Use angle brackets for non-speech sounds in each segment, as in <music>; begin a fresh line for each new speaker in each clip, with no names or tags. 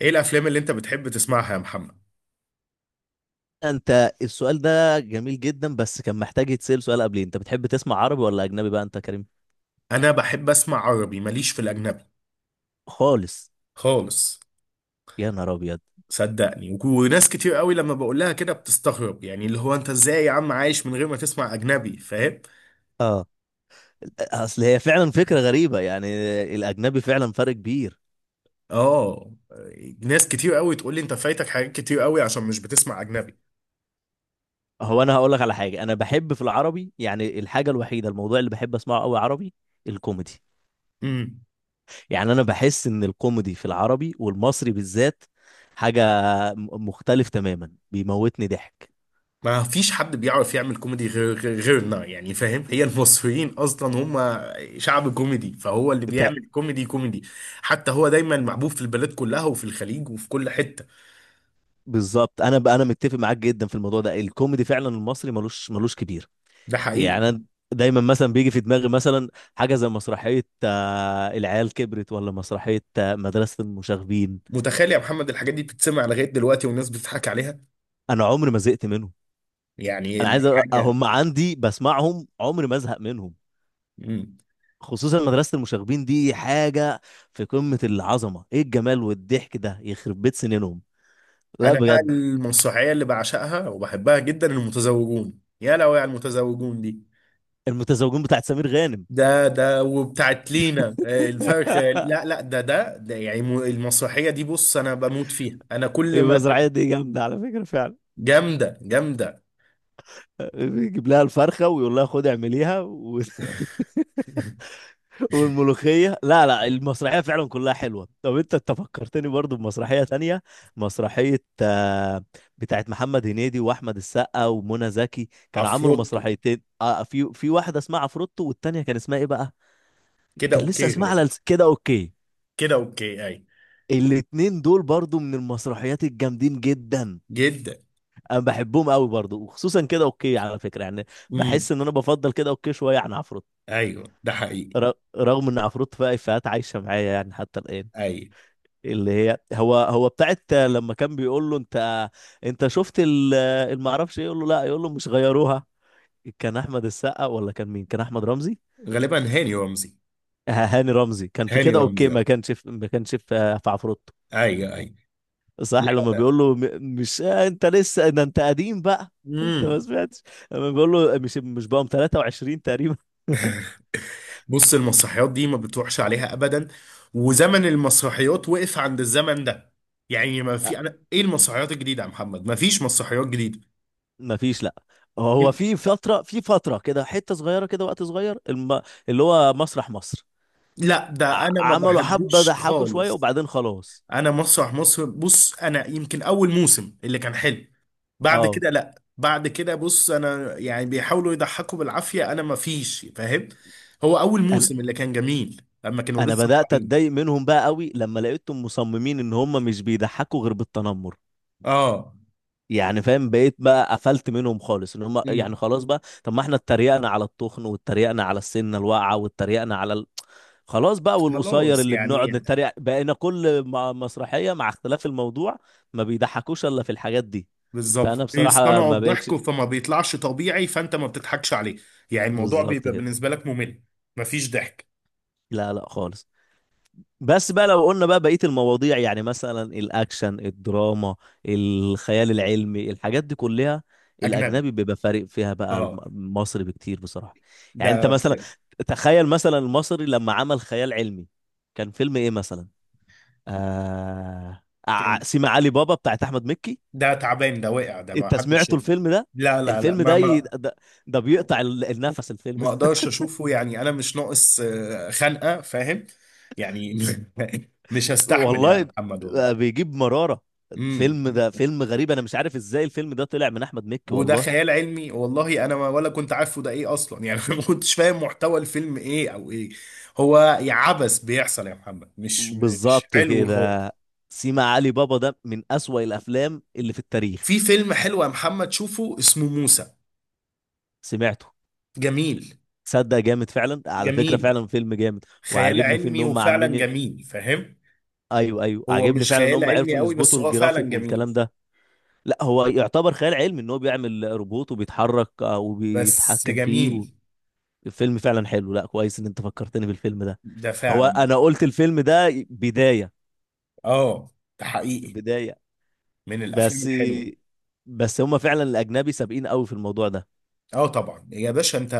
ايه الافلام اللي انت بتحب تسمعها يا محمد؟
انت، السؤال ده جميل جدا، بس كان محتاج يتسأل سؤال قبليه: انت بتحب تسمع عربي ولا اجنبي بقى انت يا كريم؟
انا بحب اسمع عربي، ماليش في الاجنبي
خالص.
خالص.
يا نهار ابيض!
صدقني وناس كتير قوي لما بقول لها كده بتستغرب، يعني اللي هو انت ازاي يا عم عايش من غير ما تسمع اجنبي، فاهم؟
اه. اصل هي فعلا فكرة غريبة يعني. الاجنبي فعلا فرق كبير.
اه. ناس كتير قوي تقول لي انت فايتك حاجات كتير قوي عشان مش بتسمع اجنبي.
هو انا هقول لك على حاجة، انا بحب في العربي، يعني الحاجة الوحيدة، الموضوع اللي بحب اسمعه قوي عربي: الكوميدي.
امم
يعني انا بحس ان الكوميدي في العربي والمصري بالذات حاجة مختلف تماما، بيموتني
ما فيش حد بيعرف يعمل كوميدي غيرنا، يعني فاهم، هي
ضحك.
المصريين اصلا هم شعب كوميدي، فهو اللي بيعمل كوميدي كوميدي. حتى هو دايما محبوب في البلاد كلها وفي الخليج وفي كل حتة.
بالظبط، انا بقى متفق معاك جدا في الموضوع ده، الكوميدي فعلا المصري ملوش كبير.
ده حقيقي.
يعني انا دايما مثلا بيجي في دماغي، مثلا حاجه زي مسرحيه العيال كبرت، ولا مسرحيه مدرسه المشاغبين.
متخيل يا محمد الحاجات دي بتتسمع لغايه دلوقتي والناس بتضحك عليها؟
انا عمري ما زهقت منهم.
يعني
انا
انت
عايز
حاجه.
هم عندي، بسمعهم عمري ما ازهق منهم.
مم.
خصوصا مدرسه المشاغبين دي حاجه في قمه العظمه، ايه الجمال والضحك ده، يخرب بيت سنينهم. لا،
انا بقى
بجد.
المنصوعيه اللي بعشقها وبحبها جدا، المتزوجون، يا لو على المتزوجون دي.
المتزوجون بتاعت سمير غانم.
ده وبتاعت لينا الفرخ، لا
<laughs>
لا، ده يعني المسرحيه دي، بص انا بموت فيها، انا كل ما ت-.
المسرحيه دي جامده على فكره فعلا.
جامده جامده.
يجيب لها الفرخه ويقول لها خدي اعمليها <laughs> والملوخيه! لا لا، المسرحيه فعلا كلها حلوه. طب انت فكرتني برضو بمسرحيه تانية، مسرحيه بتاعت محمد هنيدي واحمد السقا ومنى زكي. كانوا عملوا
عفروتو.
مسرحيتين، في واحده اسمها عفروتو والتانيه كان اسمها ايه بقى؟
كده
كان لسه
اوكي
اسمها على
غالبا.
كده اوكي.
كده اوكي اي.
الاتنين دول برضو من المسرحيات الجامدين جدا.
جدا.
انا بحبهم قوي برضو، وخصوصا كده اوكي على فكره يعني.
امم.
بحس ان انا بفضل كده اوكي شويه عن عفروتو.
ايوه ده حقيقي.
رغم ان عفروت فيها افيهات عايشه معايا يعني حتى الان.
اي.
اللي هي هو بتاعت لما كان بيقول له انت، انت شفت المعرفش ايه، يقول له لا، يقول له مش غيروها. كان احمد السقا ولا كان مين؟ كان احمد رمزي.
غالبا هاني رمزي.
هاني رمزي كان في
هاني
كده اوكي،
رمزي
ما
اه.
كانش في ما كانش في في عفروت.
ايوه ايوه. لا
صح، لما
لا.
بيقول له مش، انت لسه، ده انت قديم بقى. <laughs> انت ما
امم.
سمعتش، لما بيقول له مش بقى 23 تقريبا. <laughs>
بص المسرحيات دي ما بتروحش عليها ابدا، وزمن المسرحيات وقف عند الزمن ده، يعني ما في، انا ايه المسرحيات الجديده يا محمد؟ ما فيش مسرحيات جديده.
ما فيش، لا. هو
ال-
في فترة كده، حتة صغيرة كده، وقت صغير اللي هو مسرح مصر.
لا ده انا ما
ع- عملوا حبة،
بحبوش
ضحكوا شوية
خالص.
وبعدين خلاص.
انا مسرح مصر، بص انا يمكن اول موسم اللي كان حلو، بعد
اه.
كده لا، بعد كده بص انا يعني بيحاولوا يضحكوا بالعافيه، انا ما فيش، فاهم؟ هو اول
انا
موسم اللي كان جميل لما كانوا
انا
لسه
بدأت اتضايق
طالعين.
منهم بقى قوي لما لقيتهم مصممين ان هم مش بيضحكوا غير بالتنمر،
اه
يعني فاهم؟ بقيت بقى قفلت منهم خالص، ان هم يعني خلاص بقى، طب ما احنا اتريقنا على التخن، واتريقنا على السنه الواقعه، واتريقنا على خلاص بقى، والقصير
خلاص
اللي بنقعد
يعني.
نتريق، بقينا كل مسرحيه مع اختلاف الموضوع. ما بيضحكوش الا في الحاجات دي.
بالظبط
فانا بصراحه
بيصطنعوا
ما بقتش.
الضحك فما بيطلعش طبيعي فانت ما بتضحكش عليه. يعني الموضوع
بالظبط
بيبقى
كده.
بالنسبه لك ممل، مفيش ضحك.
لا لا خالص. بس بقى لو قلنا بقى بقية المواضيع، يعني مثلا الأكشن، الدراما، الخيال العلمي، الحاجات دي كلها،
اجنبي.
الأجنبي بيبقى فارق فيها بقى
اه.
المصري بكتير بصراحة. يعني أنت
ده
مثلا، تخيل مثلا المصري لما عمل خيال علمي، كان فيلم إيه مثلا؟ آه...
كان،
سيما علي بابا بتاعت أحمد مكي.
ده تعبان، ده وقع، ده ما
أنت
حدش
سمعته
شافه.
الفيلم ده؟
لا لا لا،
الفيلم ده ده، ده بيقطع النفس الفيلم.
ما اقدرش اشوفه، يعني انا مش ناقص خنقه، فاهم؟ يعني <laughs> مش هستحمل يا
والله،
محمد
بقى
والله.
بيجيب مرارة.
امم.
فيلم ده فيلم غريب، انا مش عارف ازاي الفيلم ده طلع من احمد مكي،
وده
والله.
خيال علمي، والله انا ولا كنت عارفه ده ايه اصلا، يعني <laughs> ما كنتش فاهم محتوى الفيلم ايه او ايه. هو يا عبث بيحصل يا محمد، مش
بالظبط
حلو خالص.
كده. سيما علي بابا ده من اسوأ الافلام اللي في
في
التاريخ.
فيلم حلو يا محمد، شوفه، اسمه موسى.
سمعته.
جميل.
تصدق جامد فعلا، على فكرة
جميل،
فعلا فيلم جامد.
خيال
وعاجبني فيه ان
علمي
هم
وفعلا
عاملين،
جميل، فاهم.
ايوه ايوه،
هو
عاجبني
مش
فعلا ان
خيال
هم
علمي
عرفوا
قوي بس
يظبطوا
هو فعلا
الجرافيك
جميل.
والكلام ده. لا، هو يعتبر خيال علمي، ان هو بيعمل روبوت وبيتحرك،
بس
وبيتحكم فيه.
جميل.
الفيلم فعلا حلو. لا، كويس ان انت فكرتني بالفيلم ده.
ده
هو
فعلا.
انا قلت الفيلم ده بداية،
اه. ده حقيقي.
بداية.
من الافلام
بس،
الحلوه.
بس هما فعلا الاجنبي سابقين قوي في الموضوع ده.
اه طبعا يا باشا، انت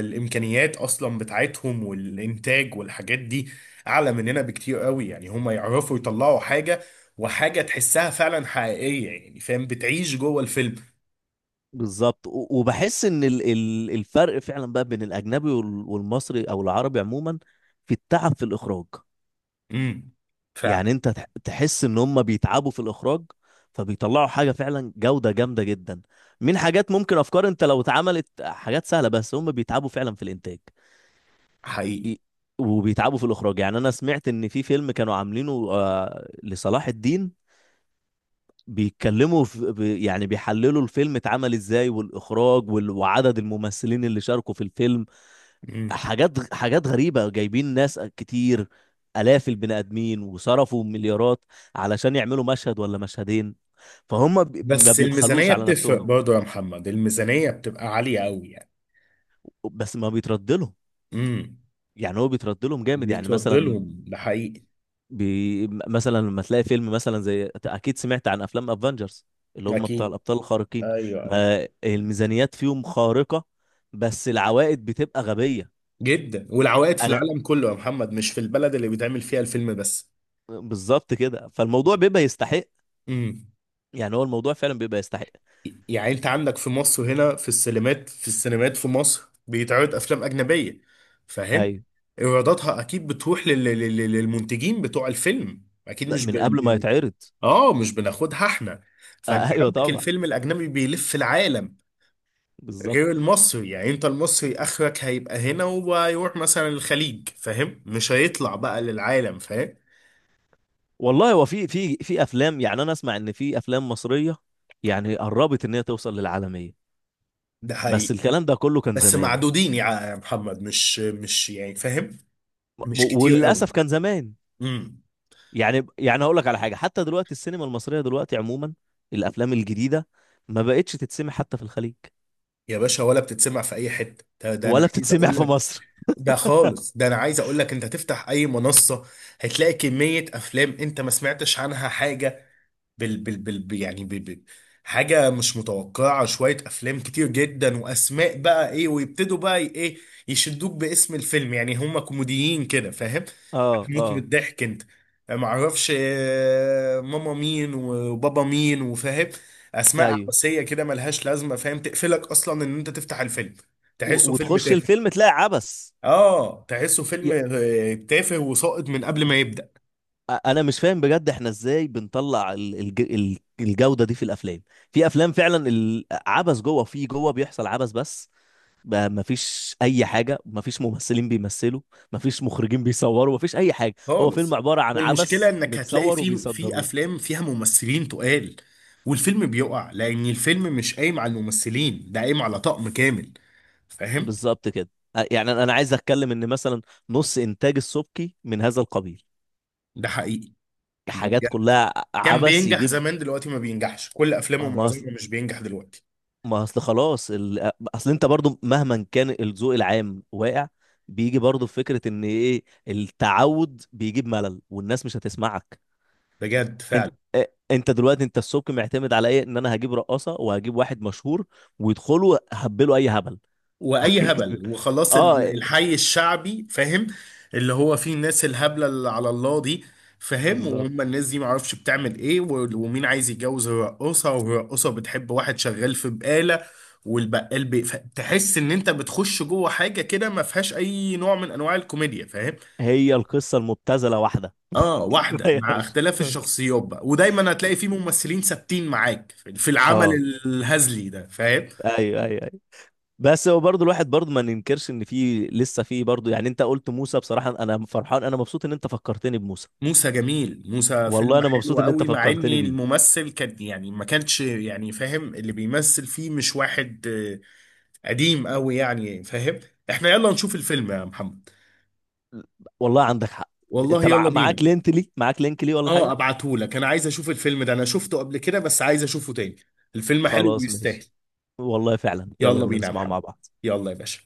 الامكانيات اصلا بتاعتهم والانتاج والحاجات دي اعلى مننا بكتير قوي، يعني هم يعرفوا يطلعوا حاجه وحاجه تحسها فعلا حقيقيه، يعني فاهم بتعيش جوه الفيلم.
بالظبط. وبحس ان الفرق فعلا بقى بين الاجنبي والمصري او العربي عموما، في التعب في الاخراج.
امم.
يعني
فعلا.
انت تحس ان هم بيتعبوا في الاخراج، فبيطلعوا حاجه فعلا جوده جامده جدا. من حاجات، ممكن افكار انت لو اتعملت حاجات سهله، بس هم بيتعبوا فعلا في الانتاج،
حقيقي.
ي- وبيتعبوا في الاخراج. يعني انا سمعت ان في فيلم كانوا عاملينه لصلاح الدين، بيتكلموا في يعني بيحللوا الفيلم اتعمل ازاي، والاخراج، وعدد الممثلين اللي شاركوا في الفيلم.
امم.
حاجات غريبة، جايبين ناس كتير، آلاف البني آدمين، وصرفوا مليارات علشان يعملوا مشهد ولا مشهدين. فهم ما
بس
بيبخلوش
الميزانيه
على
بتفرق
نفسهم.
برضه يا محمد، الميزانيه بتبقى عاليه قوي يعني.
بس ما بيترد لهم.
امم.
يعني هو بيترد لهم جامد، يعني مثلا
بيتوضلهم، ده حقيقي.
مثلا لما تلاقي فيلم مثلا زي، اكيد سمعت عن افلام افنجرز اللي هم بتاع
اكيد.
الابطال الخارقين.
ايوه ايوه.
ما الميزانيات فيهم خارقة، بس العوائد بتبقى غبية.
جدا، والعوائد في
انا،
العالم كله يا محمد، مش في البلد اللي بيتعمل فيها الفيلم بس.
بالظبط كده، فالموضوع بيبقى يستحق.
امم.
يعني هو الموضوع فعلا بيبقى يستحق.
يعني انت عندك في مصر هنا في السينمات، في السينمات في مصر بيتعرض افلام اجنبيه، فاهم،
ايوه.
ايراداتها اكيد بتروح للمنتجين بتوع الفيلم، اكيد
لا،
مش ب...
من قبل ما
ب-
يتعرض.
اه مش بناخدها احنا. فانت
<laughs> ايوه
عندك
طبعا.
الفيلم الاجنبي بيلف العالم،
بالظبط.
غير المصري، يعني انت المصري اخرك هيبقى هنا وهيروح مثلا الخليج، فاهم، مش هيطلع بقى للعالم، فاهم.
والله، هو في في افلام، يعني انا اسمع ان في افلام مصرية يعني قربت ان هي توصل للعالمية،
ده
بس
حقيقي.
الكلام ده كله كان
بس
زمان.
معدودين يا محمد، مش يعني فاهم، مش كتير.
وللاسف كان زمان.
قوي.
يعني، هقول لك على حاجه، حتى دلوقتي السينما المصريه دلوقتي عموما، الافلام الجديده ما بقتش تتسمع حتى في الخليج،
يا باشا ولا بتتسمع في اي حته، ده, ده انا
ولا
عايز
بتتسمع
اقول
في
لك.
مصر.
ده خالص، ده انا عايز اقول لك، انت تفتح اي منصه هتلاقي كميه افلام انت ما سمعتش عنها حاجه. بال بال بال ب- يعني بال بال حاجة مش متوقعة، شوية أفلام كتير جدا، وأسماء بقى إيه، ويبتدوا بقى إيه، يشدوك باسم الفيلم، يعني هما كوميديين كده، فاهم؟
اه،
هتموت من
اه.
الضحك أنت. معرفش ماما مين وبابا مين وفاهم، أسماء
ايوه.
عباسية كده ملهاش لازمة، فاهم، تقفلك أصلا إن أنت تفتح الفيلم. تحسه فيلم
وتخش
تافه.
الفيلم تلاقي عبس.
آه تحسه فيلم
ي-
تافه وساقط من قبل ما يبدأ.
انا مش فاهم بجد احنا ازاي بنطلع الجوده دي في الافلام. في افلام فعلا العبس جوه، في جوه بيحصل عبس بس، ما فيش اي حاجه، ما فيش ممثلين بيمثلوا، ما فيش مخرجين بيصوروا، ما فيش اي حاجه. هو فيلم
خالص.
عباره عن
والمشكله
عبس
انك هتلاقي
متصور
في
وبيصدروه.
افلام فيها ممثلين تقال، والفيلم بيقع لان الفيلم مش قايم على الممثلين، ده قايم على طقم كامل، فاهم.
بالظبط كده. يعني انا عايز اتكلم ان مثلا نص انتاج السبكي من هذا القبيل،
ده حقيقي. ده
حاجات
بجد.
كلها
كان
عبث
بينجح
يجيب.
زمان، دلوقتي ما بينجحش، كل افلامه
ما ما اصل
معظمها مش بينجح دلوقتي.
ما اصل خلاص اصل انت برضو مهما كان الذوق العام واقع، بيجي برضو فكرة ان ايه، التعود بيجيب ملل والناس مش هتسمعك.
بجد
انت،
فعلا.
انت دلوقتي السبكي معتمد على ايه؟ ان انا هجيب رقاصة وهجيب واحد مشهور ويدخلوا هبلوا اي هبل.
واي
<laughs>
هبل وخلاص
اه،
الحي الشعبي، فاهم. اللي هو فيه الناس الهبله اللي على الله دي، فاهم،
بالظبط.
وهم الناس دي معرفش بتعمل ايه، ومين عايز يتجوز الرقاصه، والرقاصه بتحب واحد شغال في بقاله، والبقال بي... ف-. تحس ان انت بتخش جوه حاجه كده ما فيهاش اي نوع من انواع الكوميديا، فاهم.
هي القصة المبتذلة واحدة.
اه واحده مع
غيرش.
اختلاف الشخصيات بقى، ودايما هتلاقي فيه ممثلين ثابتين معاك في العمل
اه،
الهزلي ده، فاهم.
ايوه ايوه ايوه. بس هو برضه الواحد برضه ما ننكرش ان في لسه في برضه، يعني انت قلت موسى بصراحه، انا فرحان، انا مبسوط ان انت فكرتني بموسى.
موسى جميل، موسى فيلم
والله انا مبسوط
حلو
ان انت
قوي، مع ان
فكرتني بيه.
الممثل كان يعني ما كانش يعني فاهم، اللي بيمثل فيه مش واحد آه،. قديم قوي يعني فاهم. احنا يلا نشوف الفيلم يا محمد.
والله عندك حق.
والله
انت
يلا
معاك
بينا.
لينك لي، ولا
اه
حاجه؟
ابعتهولك، انا عايز اشوف الفيلم ده، انا شفته قبل كده بس عايز اشوفه تاني. الفيلم حلو
خلاص ماشي.
ويستاهل.
والله فعلا، يلا
يلا
بينا
بينا يا
نسمعه مع
محمد.
بعض.
يلا يا باشا.